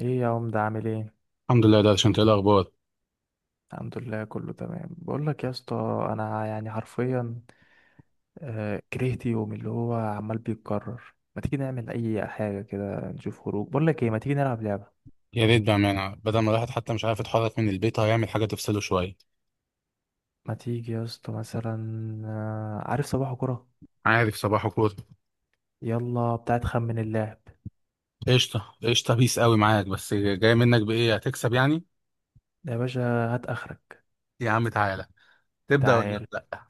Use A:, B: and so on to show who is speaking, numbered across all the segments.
A: ايه يا عم، ده عامل ايه؟
B: الحمد لله. ده عشان ايه الاخبار؟
A: الحمد لله، كله تمام. بقول لك يا اسطى، انا يعني حرفيا، كرهت يوم اللي هو عمال بيتكرر. ما تيجي نعمل اي حاجه كده نشوف خروج؟ بقول لك ايه، ما تيجي نلعب لعبه؟
B: يا ريت بامانه، بدل ما الواحد حتى مش عارف يتحرك من البيت، هيعمل حاجه تفصله شويه.
A: ما تيجي يا اسطى مثلا؟ عارف صباح كرة.
B: عارف صباحه كوره.
A: يلا بتاعت خمن اللاعب.
B: قشطه قشطه، بيس قوي معاك، بس جاي منك بايه هتكسب يعني؟
A: يا باشا، هات اخرك.
B: يا عم تعالى. تبدا ولا
A: تعال،
B: لا؟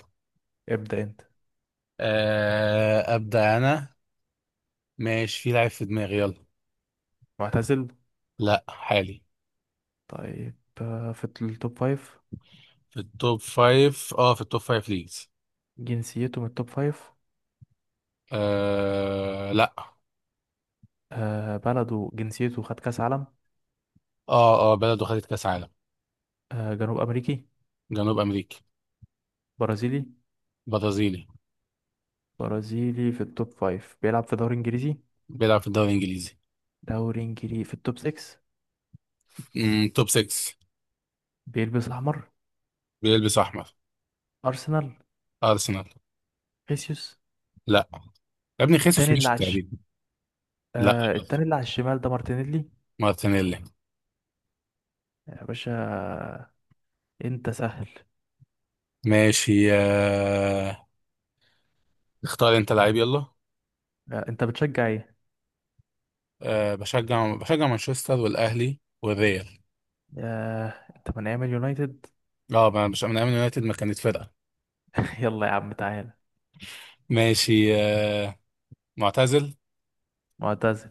A: ابدأ انت.
B: آه ابدا انا. ماشي، في لعيب في دماغي، يلا.
A: معتزل.
B: لا، حالي.
A: طيب. في التوب فايف؟
B: في التوب فايف. اه، في التوب فايف ليجز.
A: جنسيته من التوب فايف؟
B: آه لا.
A: بلده، جنسيته خد كاس عالم؟
B: اه اه، بلده خدت كاس عالم.
A: جنوب امريكي؟
B: جنوب امريكا.
A: برازيلي؟
B: برازيلي.
A: برازيلي في التوب فايف بيلعب في دوري انجليزي.
B: بيلعب في الدوري الانجليزي.
A: دوري انجليزي في التوب 6؟
B: مم، توب 6.
A: بيلبس احمر؟
B: بيلبس احمر.
A: ارسنال؟
B: ارسنال.
A: خيسيوس؟
B: لا يا ابني، خيسوس
A: التاني اللي
B: مشي
A: على
B: تقريبا. لا برضه.
A: التاني اللي على الشمال ده مارتينيلي؟
B: مارتينيلي.
A: يا باشا، انت سهل.
B: ماشي اختار انت لعيب يلا.
A: انت بتشجع ايه؟
B: بشجع بشجع مانشستر والاهلي والريال.
A: آه. انت من ايام اليونايتد؟
B: اه، مش من ايام اليونايتد، ما كانت فرقه.
A: يلا يا عم، تعالى.
B: ماشي. معتزل.
A: معتزل.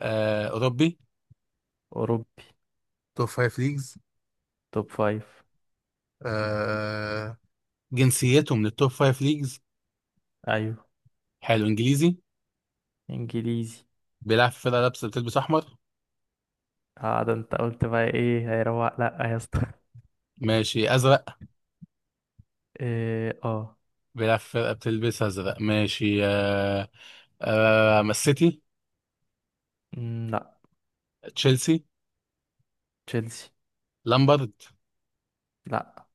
B: اوروبي.
A: اوروبي؟
B: توب فايف ليجز.
A: توب فايف؟
B: آه، جنسيته من التوب فايف ليجز.
A: ايوه.
B: حلو. انجليزي.
A: انجليزي؟
B: بيلعب في فرقه لابسه بتلبس احمر.
A: اه، ده انت قلت بقى. ايه هيروق؟ لا يا اسطى.
B: ماشي، ازرق.
A: إيه، اه.
B: بيلعب في فرقه بتلبس ازرق. ماشي من السيتي.
A: مم، لا.
B: تشيلسي.
A: تشيلسي؟
B: لامبرد.
A: لا.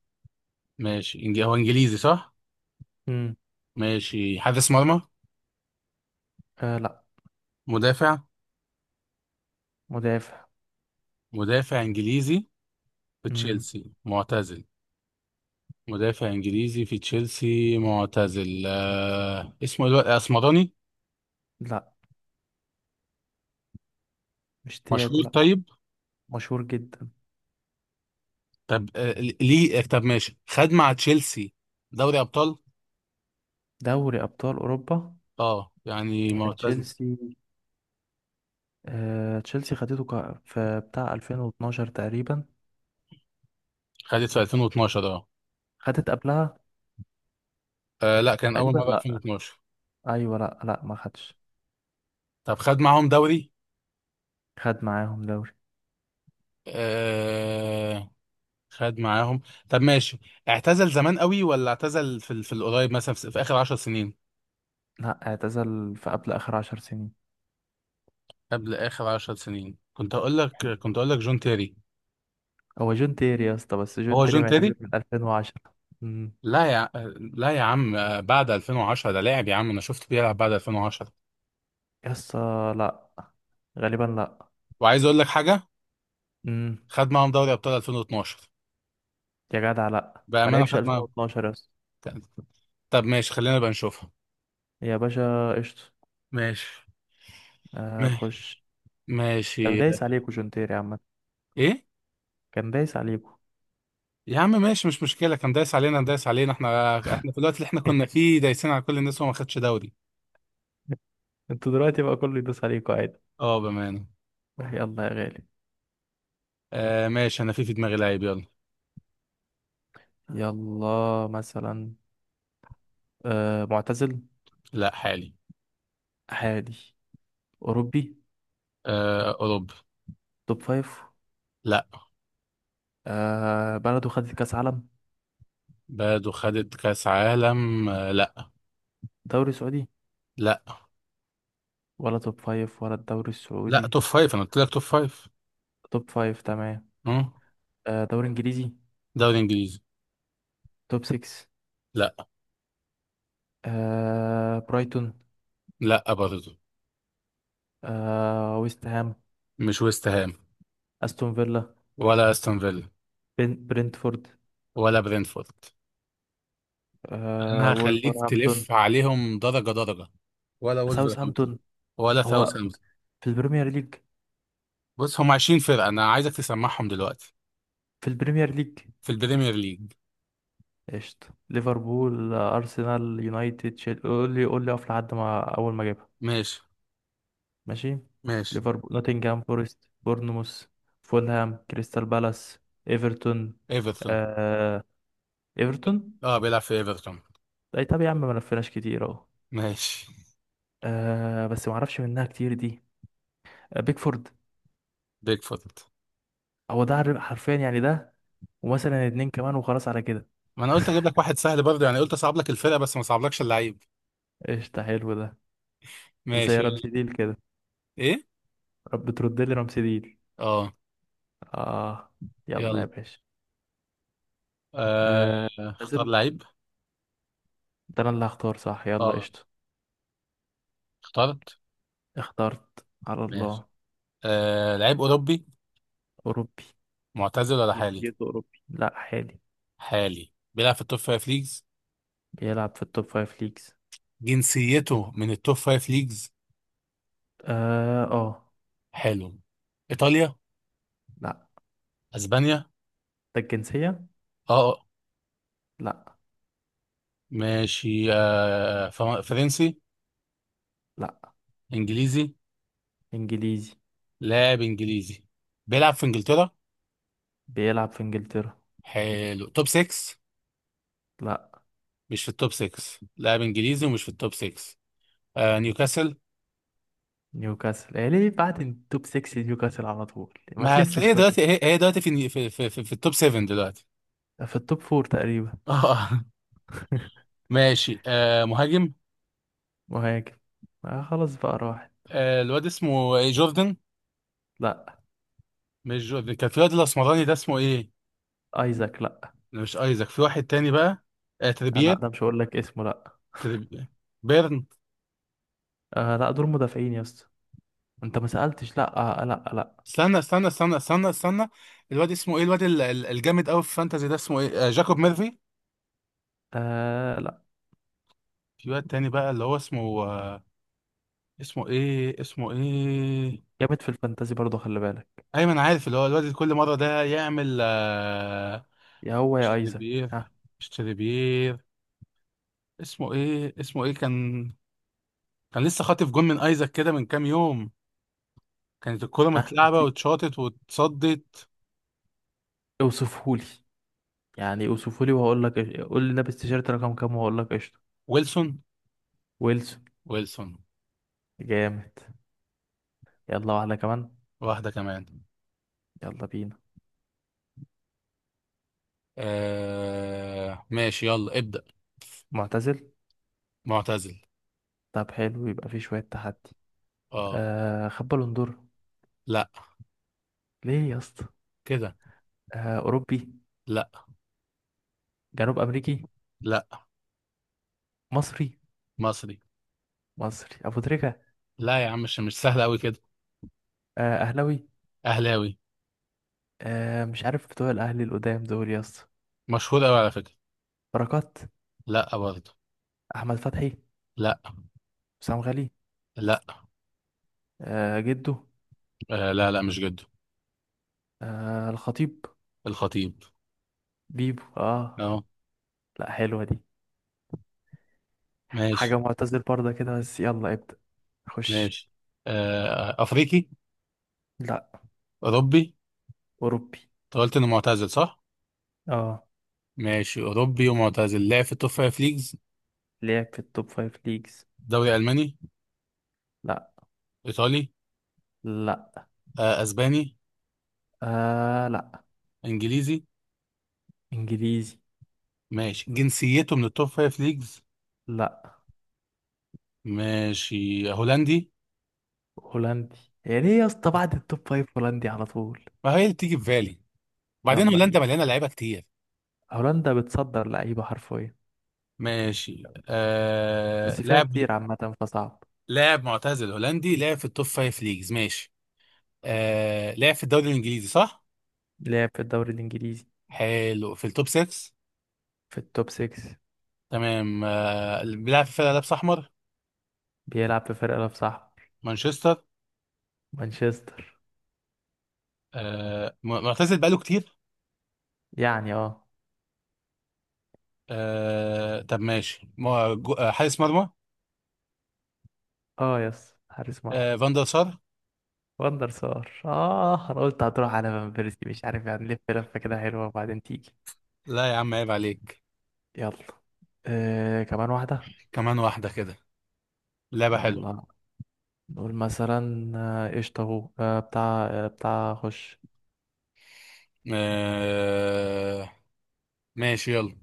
B: ماشي هو انجليزي صح؟
A: مم.
B: ماشي، حارس مرمى.
A: آه، لا.
B: مدافع.
A: مدافع؟
B: مدافع انجليزي في
A: مم.
B: تشيلسي، معتزل. مدافع انجليزي في تشيلسي معتزل اسمه الوقت اسمراني.
A: لا. مش تياجو،
B: مشهور
A: لا.
B: طيب.
A: مشهور جدا.
B: طب ليه طب ماشي، خد مع تشيلسي دوري ابطال.
A: دوري أبطال أوروبا.
B: اه يعني
A: هي
B: معتزل.
A: تشيلسي. تشيلسي خدته في بتاع 2012 تقريبا.
B: خدت في 2012، اه.
A: خدت قبلها؟
B: لا، كان اول
A: تقريبا،
B: مره
A: لا.
B: 2012.
A: أيوة، لا لا ما خدش.
B: طب خد معاهم دوري.
A: خد معاهم دوري؟
B: آه... خد معاهم. طب ماشي، اعتزل زمان قوي ولا اعتزل في القريب مثلا، في اخر 10 سنين؟
A: لا، اعتزل في قبل آخر 10 سنين.
B: قبل اخر 10 سنين. كنت اقول لك جون تيري.
A: هو جون تيري يا اسطى، بس جون
B: هو
A: تيري
B: جون تيري.
A: معتزل من 2010. امم.
B: لا يا ع- لا يا عم، بعد 2010 ده لاعب، يا عم انا شفت بيلعب بعد 2010.
A: يا اسطى، لا. غالبا لا.
B: وعايز اقول لك حاجه.
A: امم.
B: خد معاهم دوري ابطال 2012.
A: يا جدع، لا ما
B: بامانه
A: لعبش
B: خد معاهم.
A: 2012 يا اسطى.
B: طب ماشي، خلينا بقى نشوفها.
A: يا باشا، قشطة.
B: ماشي ماشي
A: خش. كان
B: ماشي.
A: دايس عليكوا جون تيري عامة.
B: ايه
A: كان دايس عليكم.
B: يا عم، ماشي مش مشكله. كان دايس علينا دايس علينا. احنا في الوقت اللي احنا كنا فيه دايسين على كل الناس، وما خدش دوري.
A: انتوا دلوقتي بقى كله يدوس عليكم عادي.
B: اه، بأمانة.
A: يلا يا غالي.
B: آه، ماشي، انا في دماغي لعيب، يلا.
A: يلا مثلا. معتزل؟
B: لا، حالي.
A: حالي؟ أوروبي؟
B: آه، اوروبا.
A: توب فايف؟
B: لا.
A: بلده خدت كأس عالم؟
B: بلده خدت كاس عالم. آه لا.
A: دوري سعودي؟
B: لا،
A: ولا توب فايف ولا الدوري
B: لا
A: السعودي؟
B: توب فايف، انا قلت لك توب فايف.
A: توب فايف، تمام.
B: اه.
A: دوري إنجليزي؟
B: دوري انجليزي.
A: توب سكس؟
B: لا.
A: برايتون؟
B: لا برضه.
A: ويست هام؟
B: مش ويست هام.
A: أستون فيلا؟
B: ولا استون فيلا.
A: برنتفورد؟
B: ولا برينفورد. انا هخليك
A: وولفرهامبتون؟
B: تلف عليهم درجة درجة. ولا ولفرهامبتون.
A: ساوثهامبتون؟
B: ولا
A: هو
B: ساوثهامبتون.
A: في البريمير ليج؟
B: بص، هم 20 فرقة، انا عايزك تسمعهم دلوقتي.
A: في البريمير ليج.
B: في البريمير ليج.
A: قشطة. ليفربول، أرسنال، يونايتد، قول لي قول لي أقف لحد ما أول ما أجيبها.
B: ماشي.
A: ماشي.
B: ماشي.
A: ليفربول، نوتنجهام فورست، بورنموث، فولهام، كريستال بالاس، إيفرتون.
B: ايفرتون.
A: آه... إيفرتون؟
B: اه، بيلعب في ايفرتون.
A: أي طب يا عم، ما لفيناش كتير أهو.
B: ماشي،
A: بس ما أعرفش منها كتير دي. بيكفورد؟
B: بيج فوت.
A: هو ده حرفيا يعني ده. ومثلا اتنين كمان وخلاص على كده.
B: ما انا قلت اجيب لك واحد سهل برضه يعني، قلت اصعب لك الفرقه بس ما صعبلكش اللعيب.
A: قشطة، حلو ده. زي
B: ماشي يلا.
A: رمسيديل كده.
B: ايه.
A: رب ترد لي رمسيديل.
B: اه.
A: آه. يلا يا
B: يلا.
A: باشا.
B: آه،
A: آه.
B: اختار لعيب.
A: ده انا اللي هختار، صح؟ يلا،
B: اه،
A: قشطة.
B: اخترت.
A: اخترت على
B: ماشي،
A: الله.
B: لعيب اوروبي.
A: اوروبي.
B: معتزل ولا حالي؟
A: جنسيته أوروبي، لا، حالي.
B: حالي، بيلعب في التوب فايف ليجز.
A: بيلعب في التوب فايف ليجز.
B: جنسيته من التوب فايف ليجز.
A: اه اه.
B: حلو. ايطاليا.
A: لا.
B: اسبانيا.
A: ده الجنسية؟
B: اه آه.
A: لا.
B: ماشي، فرنسي.
A: لا.
B: انجليزي.
A: انجليزي.
B: لاعب انجليزي. بيلعب في انجلترا.
A: بيلعب في انجلترا.
B: حلو، توب 6.
A: لا.
B: مش في التوب 6. لاعب انجليزي ومش في التوب 6. آه نيوكاسل.
A: نيوكاسل؟ إيه ليه بعد التوب 6 نيوكاسل على طول؟ ما
B: ما هتلاقيه
A: تلفش بقى.
B: دلوقتي، هي دلوقتي في التوب 7 دلوقتي.
A: في التوب 4 تقريبا.
B: اه. ماشي، آه مهاجم.
A: مهاجم؟ خلاص بقى راحت.
B: آه الواد اسمه إيه، جوردن.
A: لا.
B: مش جوردن، كان في واد الاسمراني ده اسمه ايه؟
A: ايزاك؟ لا.
B: لا، مش ايزاك، في واحد تاني بقى. آه
A: لا،
B: تريبير.
A: ده مش هقول لك اسمه، لا.
B: تريبير. بيرن.
A: لا دول مدافعين يا اسطى. انت ما سألتش، لا. لا لا.
B: استنى استنى استنى استنى استنى. الواد اسمه ايه؟ الواد الجامد قوي في فانتازي ده اسمه ايه؟ آه جاكوب ميرفي.
A: لا.
B: في واد تاني بقى اللي هو اسمه اسمه ايه اسمه ايه؟
A: جامد في الفانتازي برضه، خلي بالك.
B: ايمن عارف، اللي هو الواد كل مره ده يعمل
A: يا هو يا
B: اشتري
A: ايزاك.
B: بير،
A: ها.
B: اشتري بير. اسمه ايه اسمه ايه كان؟ كان لسه خاطف جون من ايزاك كده من كام يوم. كانت الكره
A: ها،
B: متلعبه
A: هتي.
B: واتشاطت واتصدت.
A: اوصفهولي. يعني اوصفهولي وهقول لك. قول لي لابس تيشيرت رقم كام وهقول لك قشطه.
B: ويلسون.
A: ويلسون؟
B: ويلسون.
A: جامد. يلا واحده كمان.
B: واحده كمان.
A: يلا بينا.
B: ماشي يلا، ابدأ.
A: معتزل.
B: معتزل.
A: طب حلو، يبقى في شويه تحدي.
B: اه.
A: خد بالون دور.
B: لا،
A: ليه يا اسطى؟
B: كده.
A: اوروبي؟
B: لا.
A: جنوب امريكي؟
B: لا.
A: مصري؟
B: مصري.
A: مصري ابو تريكه؟
B: لا يا عم، مش مش سهل قوي كده.
A: اهلاوي؟
B: اهلاوي.
A: مش عارف بتوع الاهلي القدام دول يا اسطى.
B: مشهور قوي على فكره.
A: بركات؟
B: لا برضه.
A: احمد فتحي؟
B: لا.
A: حسام غالي؟
B: لا.
A: جده؟
B: آه لا لا، مش جد.
A: الخطيب؟
B: الخطيب.
A: بيبو، اه.
B: اه.
A: لا، حلوة دي.
B: ماشي.
A: حاجة معتزل برضه كده، بس يلا ابدأ. خش.
B: ماشي، آه افريقي.
A: لا.
B: اوروبي.
A: أوروبي.
B: انت قلت انه معتزل صح؟
A: اه.
B: ماشي، اوروبي ومعتزل لعب في التوب فايف ليجز.
A: لعب في التوب فايف ليجز.
B: دوري الماني.
A: لا.
B: ايطالي.
A: لا.
B: آه اسباني.
A: لا.
B: انجليزي.
A: إنجليزي.
B: ماشي، جنسيته من التوب فايف ليجز؟
A: لا.
B: ماشي، هولندي.
A: هولندي. يا ليه يا اسطى بعد التوب فايف هولندي على طول؟
B: ما هي اللي بتيجي في بالي، وبعدين
A: يلا بينا.
B: هولندا مليانه لعيبه كتير.
A: هولندا بتصدر لعيبة حرفيا.
B: ماشي، آه
A: بس فيها
B: لاعب.
A: كتير عامة، فصعب.
B: لاعب معتزل هولندي لعب في التوب فايف ليجز، ماشي. آه، لعب في الدوري الانجليزي صح.
A: لعب في الدوري الإنجليزي.
B: حلو، في التوب 6.
A: في التوب 6.
B: تمام، آه، اللي بيلعب في فرقة لابس أحمر.
A: بيلعب في فرقة لو صاحب.
B: مانشستر.
A: مانشستر.
B: معتزل بقاله كتير.
A: يعني، اه.
B: آه، طب ماشي مو- جو- آه، حارس مرمى.
A: اه، يس، حارس مرمى.
B: آه، فان دير سار.
A: وندر سار. اه انا قلت هتروح على فان بيرسي، مش عارف يعني، لف لفه كده حلوه وبعدين تيجي.
B: لا يا عم، عيب عليك.
A: يلا. كمان واحده.
B: كمان واحدة كده، لعبة حلوة.
A: يلا. نقول مثلا قشطه اهو بتاع خش.
B: آه، ماشي يلا.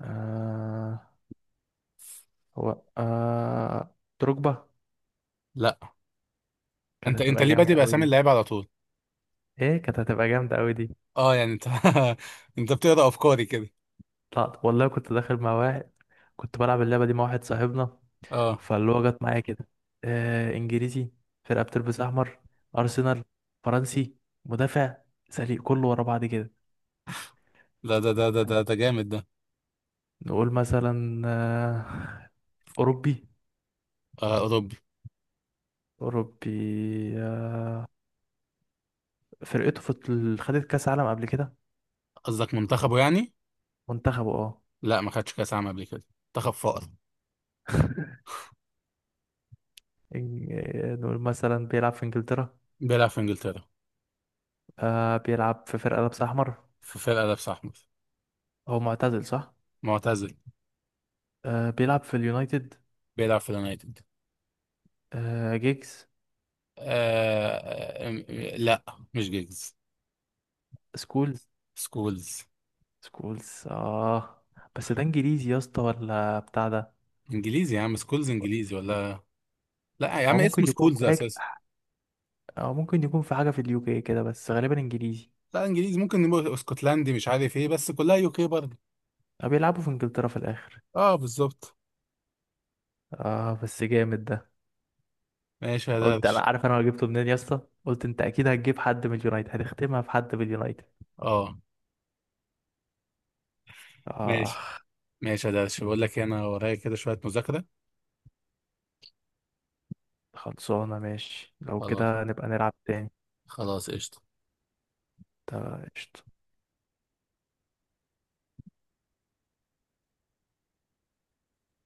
A: آه. هو دروجبا.
B: لا.
A: كانت
B: انت
A: هتبقى
B: ليه
A: جامده
B: بادئ
A: قوي
B: بأسامي
A: دي.
B: اللعيبة على طول؟
A: ايه، كانت هتبقى جامده قوي دي.
B: اه يعني انت انت بتقرأ أفكاري كده.
A: لا والله، كنت داخل مع واحد. كنت بلعب اللعبه دي مع واحد صاحبنا.
B: اه،
A: فاللي هو جت معايا كده. انجليزي. فرقه بتلبس احمر. ارسنال. فرنسي. مدافع. سليق كله ورا بعض كده.
B: ده ده ده ده ده ده جامد ده.
A: نقول مثلا اوروبي.
B: آه، أوروبي.
A: اوروبي. آه فرقته خدت كاس عالم قبل كده.
B: قصدك منتخبه يعني.
A: منتخبه، اه.
B: لا، ما خدش كأس عالم قبل كده. منتخب فقر.
A: نقول مثلا بيلعب في انجلترا.
B: بيلعب في إنجلترا.
A: بيلعب في فرقة لابسة احمر.
B: في فرقة لابس أحمر.
A: هو معتزل، صح؟
B: معتزل.
A: بيلعب في اليونايتد.
B: بيلعب في اليونايتد.
A: جيجز؟
B: لا، مش جيجز.
A: سكولز؟
B: سكولز.
A: سكولز، اه. بس ده انجليزي يا اسطى ولا بتاع ده؟
B: إنجليزي يا عم، سكولز إنجليزي ولا؟ لا يا
A: او
B: عم، اسمه
A: ممكن يكون
B: سكولز
A: في حاجه.
B: أساسا.
A: او ممكن يكون في حاجه في اليو كي كده، بس غالبا انجليزي.
B: لا إنجليزي، ممكن نبقى اسكتلندي مش عارف إيه، بس كلها يو كي برضه.
A: او بيلعبوا في انجلترا في الاخر.
B: أه بالظبط.
A: اه، بس جامد ده.
B: ماشي يا
A: قلت انا
B: درش.
A: عارف انا جبته منين يا اسطى؟ قلت انت اكيد هتجيب حد من اليونايتد، هتختمها في حد من اليونايتد.
B: أه.
A: اه.
B: ماشي، ماشي يا درش، بقول لك إيه، أنا ورايا كده شوية مذاكرة.
A: خلصانه؟ ماشي، لو
B: خلاص.
A: كده نبقى نلعب تاني.
B: خلاص قشطة.
A: طب قشطة.